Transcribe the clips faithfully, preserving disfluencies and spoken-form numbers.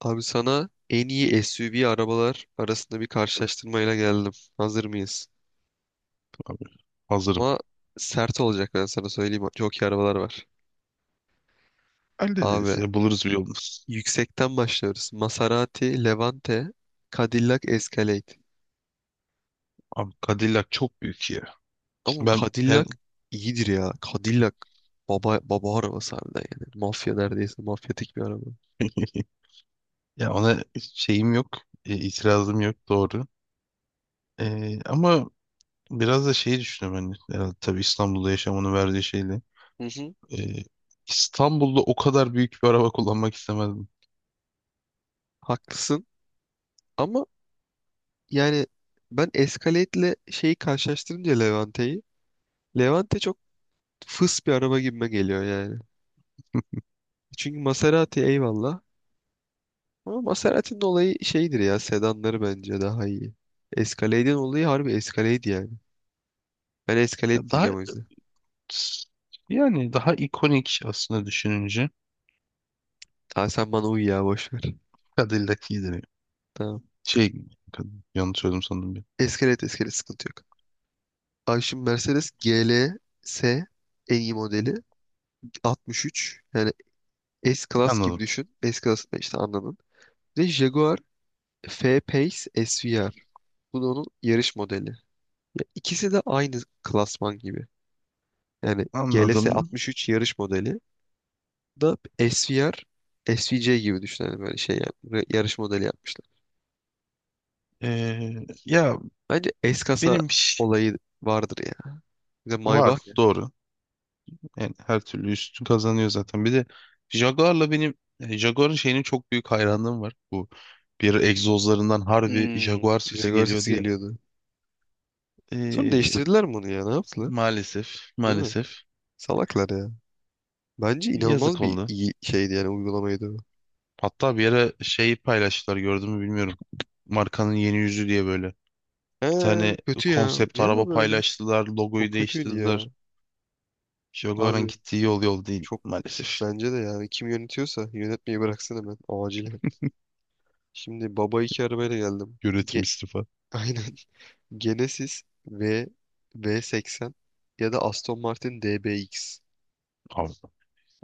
Abi sana en iyi S U V arabalar arasında bir karşılaştırmayla geldim. Hazır mıyız? Abi hazırım. Ama sert olacak ben sana söyleyeyim. Çok iyi arabalar var. Hallederiz Abi ya, buluruz bir yolunu. yüksekten başlıyoruz. Maserati, Levante, Cadillac Escalade. Abi Cadillac çok büyük ya. Ama Şimdi ben her- Cadillac iyidir ya. Cadillac baba baba arabası harbiden yani. Mafya neredeyse mafyatik bir araba. Ya ona şeyim yok. e, itirazım yok, doğru. E, ama biraz da şeyi düşünüyorum hani. Herhalde tabii İstanbul'da yaşamanın verdiği şeyle. Hı hı. E, İstanbul'da o kadar büyük bir araba kullanmak istemezdim. Haklısın ama yani ben Escalade'le şeyi karşılaştırınca Levante'yi Levante çok fıs bir araba gibime geliyor yani. Çünkü Maserati eyvallah. Ama Maserati'nin olayı şeydir ya sedanları bence daha iyi. Escalade'in olayı harbi Escalade yani. Ben Escalade Ya daha, diyeceğim o yüzden. yani daha ikonik aslında düşününce Tamam sen bana uy ya boş ver. Cadillac iyidir ya. Tamam. Şey Yanlış söyledim sandım bir. Escalade Escalade sıkıntı yok. Ay şimdi Mercedes G L S en iyi modeli altmış üç. Yani S-Class gibi Anladım. düşün. S-Class da işte anladın. Ve Jaguar F-Pace S V R. Bu da onun yarış modeli. Ya ikisi de aynı klasman gibi. Yani G L S Anladım. altmış üç yarış modeli. Da S V R, S V C gibi düşünelim böyle şey yap- re- yarış modeli yapmışlar. Ee, ya Bence S-kasa benim ş- olayı vardır ya. Bir de var Maybach ya. doğru. Yani her türlü üstün kazanıyor zaten. Bir de Jaguar'la benim e, Jaguar'ın şeyinin çok büyük hayranlığım var. Bu bir egzozlarından harbi Hmm. Jaguar sesi Jaguar sesi geliyordu ya. geliyordu. Sonra Ee, değiştirdiler mi onu ya? Ne yaptılar? maalesef Değil mi? maalesef Salaklar ya. Bence yazık inanılmaz bir oldu. iyi şeydi yani uygulamaydı o. Hatta bir yere şeyi paylaştılar, gördün mü bilmiyorum. Markanın yeni yüzü diye böyle. He, Bir tane kötü ya. konsept Ne ya araba böyle? paylaştılar. Çok Logoyu kötüydü ya. değiştirdiler. Jaguar'ın Abi gittiği yol, yol değil çok maalesef. bence de yani kim yönetiyorsa yönetmeyi bıraksın hemen acilen. Şimdi baba iki arabayla geldim. Yönetim Ge istifa. Aynen. Genesis V V80 ya da Aston Martin D B X.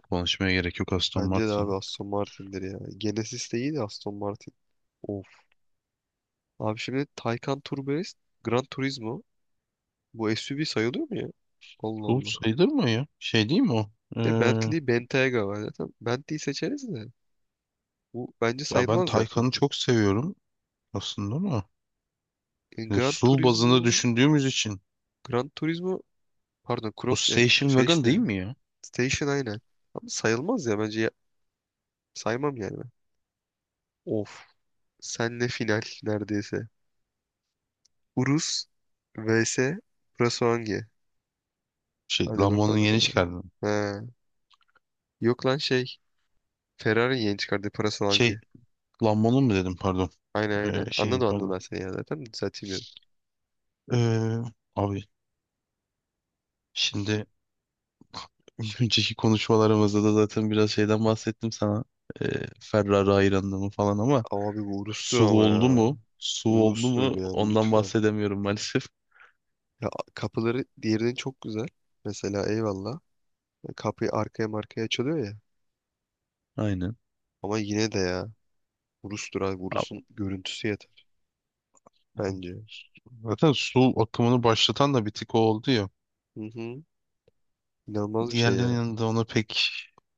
Konuşmaya gerek yok, Aston Bence de abi Martin. Aston Martin'dir ya. Genesis de iyi de Aston Martin. Of. Abi şimdi Taycan Turbo S, Gran Turismo. Bu S U V sayılıyor mu ya? Allah Tool Allah. sayılır mı ya? Şey değil mi o? De Ee, Bentley Bentayga var zaten. Bentley'i seçeriz de. Bu bence Ya ben sayılmaz zaten. Taycan'ı çok seviyorum aslında ama E, yani Gran S U V bazında Turismo düşündüğümüz için Gran Turismo pardon o Cross ya Station şey Wagon değil işte mi ya? Station aynen. Ama sayılmaz ya bence ya- saymam yani ben. Of. Senle final neredeyse. Urus vs Prasolangi. Şey, Hadi Lambo'nun bakalım. yeni çıkardığı. Ha. Yok lan şey. Ferrari yeni çıkardı Şey, Prasolangi. Lambo'nun mu dedim, pardon. Aynen Ee, aynen. şeyin Anladım anladım pardon. ben seni ya zaten. Düzelteyim dedim. Ee, Abi şimdi Şimdi, önceki konuşmalarımızda da zaten biraz şeyden bahsettim sana. Ee, Ferrari hayranlığımı falan ama abi bu Urus'tur S U V ama ya. oldu mu? S U V oldu Urus'tur mu? yani Ondan lütfen. bahsedemiyorum maalesef. Ya, kapıları diğerinin çok güzel. Mesela eyvallah. Kapıyı arkaya markaya açılıyor ya. Aynen. Ama yine de ya. Urus'tur abi. Urus'un görüntüsü yeter. Bence. Zaten su akımını başlatan da bir tık o oldu ya. Hı hı. İnanılmaz bir şey Diğerlerinin ya. yanında ona pek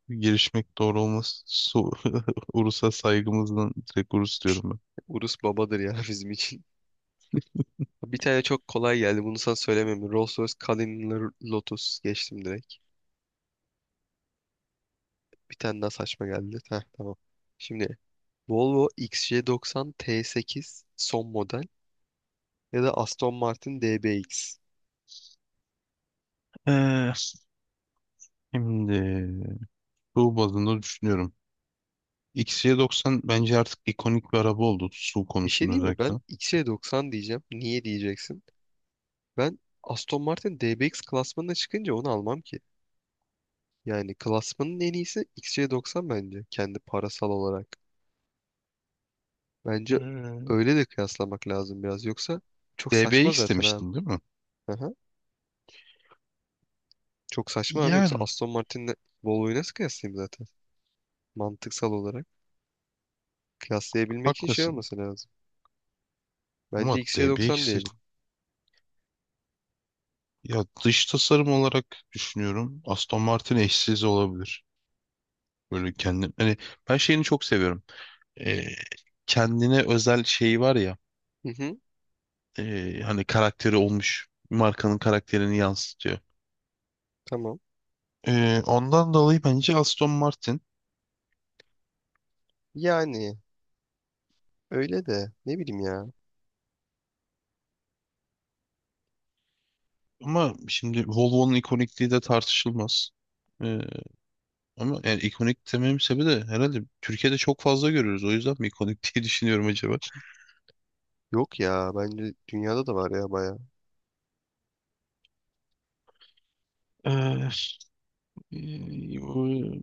girişmek doğru olmaz. Su, Urus'a saygımızdan direkt Urus diyorum Urus babadır ya bizim için. Bir tane çok kolay geldi. Bunu sana söylemem. Rolls Royce Cullinan Lotus geçtim direkt. Bir tane daha saçma geldi. Heh, tamam. Şimdi Volvo X C doksan T sekiz son model ya da Aston Martin D B X. ben. Ee, şimdi su bazında düşünüyorum. X C doksan bence artık ikonik bir araba oldu, su Bir şey konusunda değil mi? özellikle. Ben X C doksan diyeceğim. Niye diyeceksin? Ben Aston Martin D B X klasmanına çıkınca onu almam ki. Yani klasmanın en iyisi X C doksan bence. Kendi parasal olarak. Bence Ee, öyle de kıyaslamak lazım biraz. Yoksa çok saçma D B X zaten abi. demiştin değil mi? Aha. Çok saçma abi yoksa Yani Aston Martin'le Volvo'yu nasıl kıyaslayayım zaten? Mantıksal olarak. Kıyaslayabilmek için şey haklısın. olması lazım. Ama Bence D B X X C doksan de, diyelim. ya dış tasarım olarak düşünüyorum. Aston Martin eşsiz olabilir. Böyle kendim hani ben şeyini çok seviyorum. Ee, Kendine özel şeyi var ya, Hı hı, ee, hani karakteri olmuş, markanın karakterini yansıtıyor. tamam. Ee, ondan dolayı bence Aston Martin, Yani öyle de ne bileyim ya. ama şimdi Volvo'nun ikonikliği de tartışılmaz. Ee, Ama yani ikonik dememin sebebi de herhalde Türkiye'de çok fazla görüyoruz. O yüzden mi ikonik diye düşünüyorum acaba? Yok ya bence dünyada da var ya bayağı. Ee, e,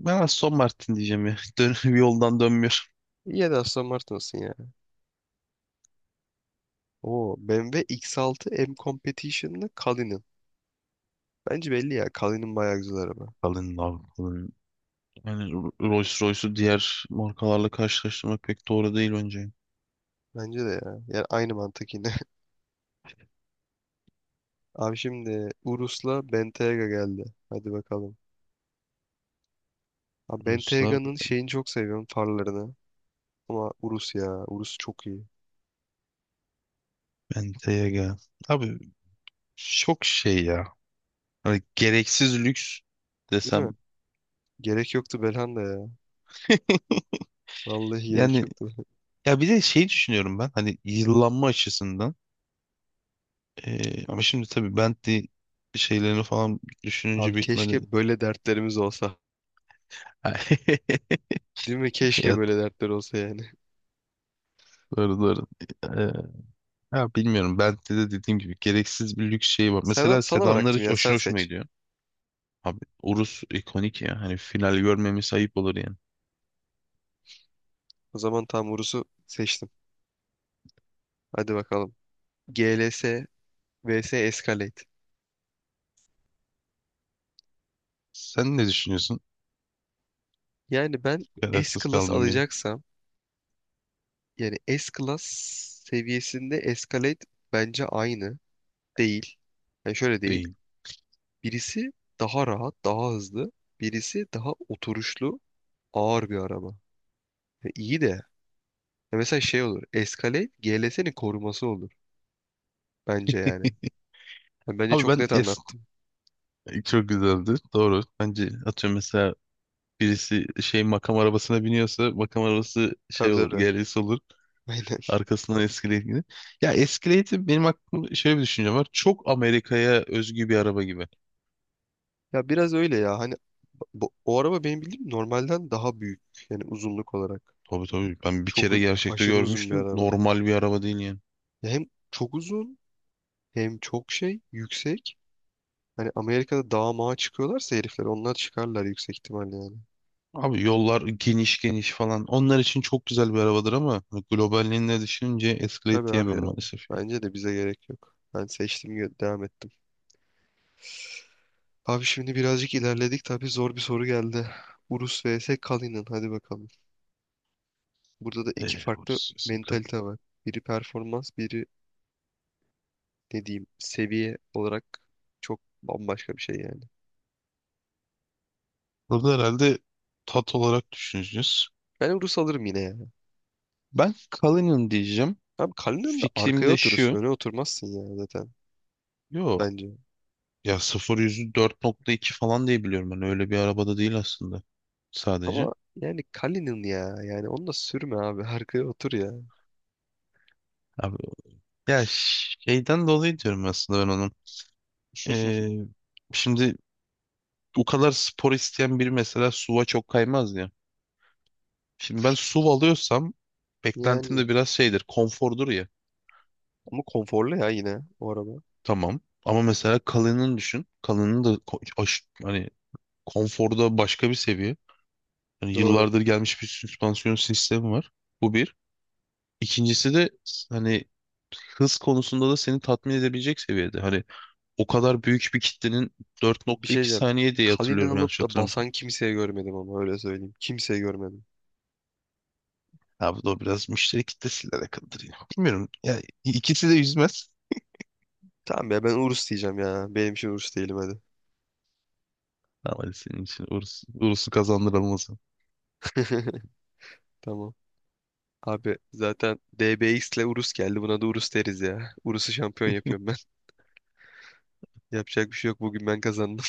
Ben Aston Martin diyeceğim ya. Dön, yoldan dönmüyor. İyi ya da Aston Martin olsun ya. Oo B M W X altı M Competition'la Cullinan. Bence belli ya Cullinan bayağı güzel araba. Kalın abi. Yani Rolls Royce'u diğer markalarla karşılaştırmak pek doğru değil bence. Bence de ya. Yani aynı mantık yine. Abi şimdi Urus'la Bentayga geldi. Hadi bakalım. Abi Ruslav Benteyga'nın şeyini çok seviyorum farlarını. Ama Urus ya. Urus çok iyi. Bentayga. Abi çok şey ya. Hani gereksiz lüks Değil mi? desem. Gerek yoktu Belhanda ya. Vallahi gerek Yani yoktu. ya bir de şey düşünüyorum ben. Hani yıllanma açısından. Ee, ama şimdi tabii Bentley şeylerini falan Abi düşününce bitmedi. keşke böyle dertlerimiz olsa. Değil mi? Keşke Ya böyle dertler olsa yani. doğru doğru. Ee, Ya bilmiyorum. Bentley'de dediğim gibi gereksiz bir lüks şey var. Sen, Mesela sana sedanlar bıraktım hiç ya. aşırı Sen hoşuma seç. gidiyor. Abi Urus ikonik ya. Hani final görmemiz ayıp olur yani. O zaman tam Urus'u seçtim. Hadi bakalım. G L S vs Escalade. Sen ne düşünüyorsun? Yani ben Kararsız S-Class kaldım bir an. alacaksam yani S-Class seviyesinde Escalade bence aynı değil. Yani şöyle değil. Değil. Birisi daha rahat, daha hızlı. Birisi daha oturuşlu ağır bir araba. Ya iyi de ya mesela şey olur. Escalade G L S'nin koruması olur bence yani. Ya bence Abi çok ben net es anlattım. çok güzeldi. Doğru. Bence atıyorum, mesela birisi şey makam arabasına biniyorsa makam arabası şey Tabii olur. tabii. G R S olur. Aynen. Arkasından Escalade'i. Ya Escalade'i, benim aklımda şöyle bir düşüncem var. Çok Amerika'ya özgü bir araba gibi. Ya biraz öyle ya. Hani bu, o araba benim bildiğim normalden daha büyük yani uzunluk olarak. Tabii tabii. Ben bir Çok u- kere gerçekte aşırı uzun bir görmüştüm. araba. Normal bir araba değil yani. Ya hem çok uzun hem çok şey yüksek. Hani Amerika'da dağa mağa çıkıyorlarsa herifler onlar çıkarlar yüksek ihtimalle yani. Abi yollar geniş geniş falan. Onlar için çok güzel bir arabadır ama hani globalliğinde düşününce Escalade Tabii abi diyemem ya. maalesef. Yani. Bence de bize gerek yok. Ben seçtim devam ettim. Abi şimdi birazcık ilerledik. Tabii zor bir soru geldi. Urus vs Kalinin. Hadi bakalım. Burada da iki Ee, farklı Orası Escalade. mentalite var. Biri performans, biri ne diyeyim seviye olarak çok bambaşka bir şey yani. Burada herhalde tat olarak düşüneceğiz. Ben Urus alırım yine ya. Ben Cullinan diyeceğim. Abi Kalinin de Fikrim arkaya de oturursun. şu. Öne oturmazsın ya zaten Yo. bence. Ya sıfır yüzü dört nokta iki falan diye biliyorum ben. Öyle bir arabada değil aslında. Sadece. Ama yani Kalinin ya. Yani onu da sürme abi. Arkaya otur ya. Abi, ya şeyden dolayı diyorum aslında ben onun. Ee, Şimdi o kadar spor isteyen biri mesela S U V'a çok kaymaz ya. Şimdi ben S U V alıyorsam beklentim Yani de biraz şeydir. Konfordur ya. ama konforlu ya yine o araba. Tamam. Ama mesela kalının düşün. Kalının da ko- aş- hani konforda başka bir seviye. Hani Doğru. yıllardır gelmiş bir süspansiyon sistemi var. Bu bir. İkincisi de s- hani hız konusunda da seni tatmin edebilecek seviyede. Hani o kadar büyük bir kitlenin Bir şey dört nokta iki diyeceğim. saniye diye Kalinen hatırlıyorum, yanlış alıp da hatırlamıyorsam. basan kimseye görmedim ama öyle söyleyeyim. Kimseye görmedim. Ha bu da biraz müşteri kitlesiyle alakalıdır yine. Bilmiyorum. Ya ikisi de yüzmez. Tamam ya ben Urus diyeceğim ya. Benim için Urus değilim hadi. Ama hadi senin için uğursu, uğursu kazandırılmaz. Tamam. Abi zaten D B X ile Urus geldi. Buna da Urus deriz ya. Urus'u şampiyon yapıyorum ben. Yapacak bir şey yok. Bugün ben kazandım.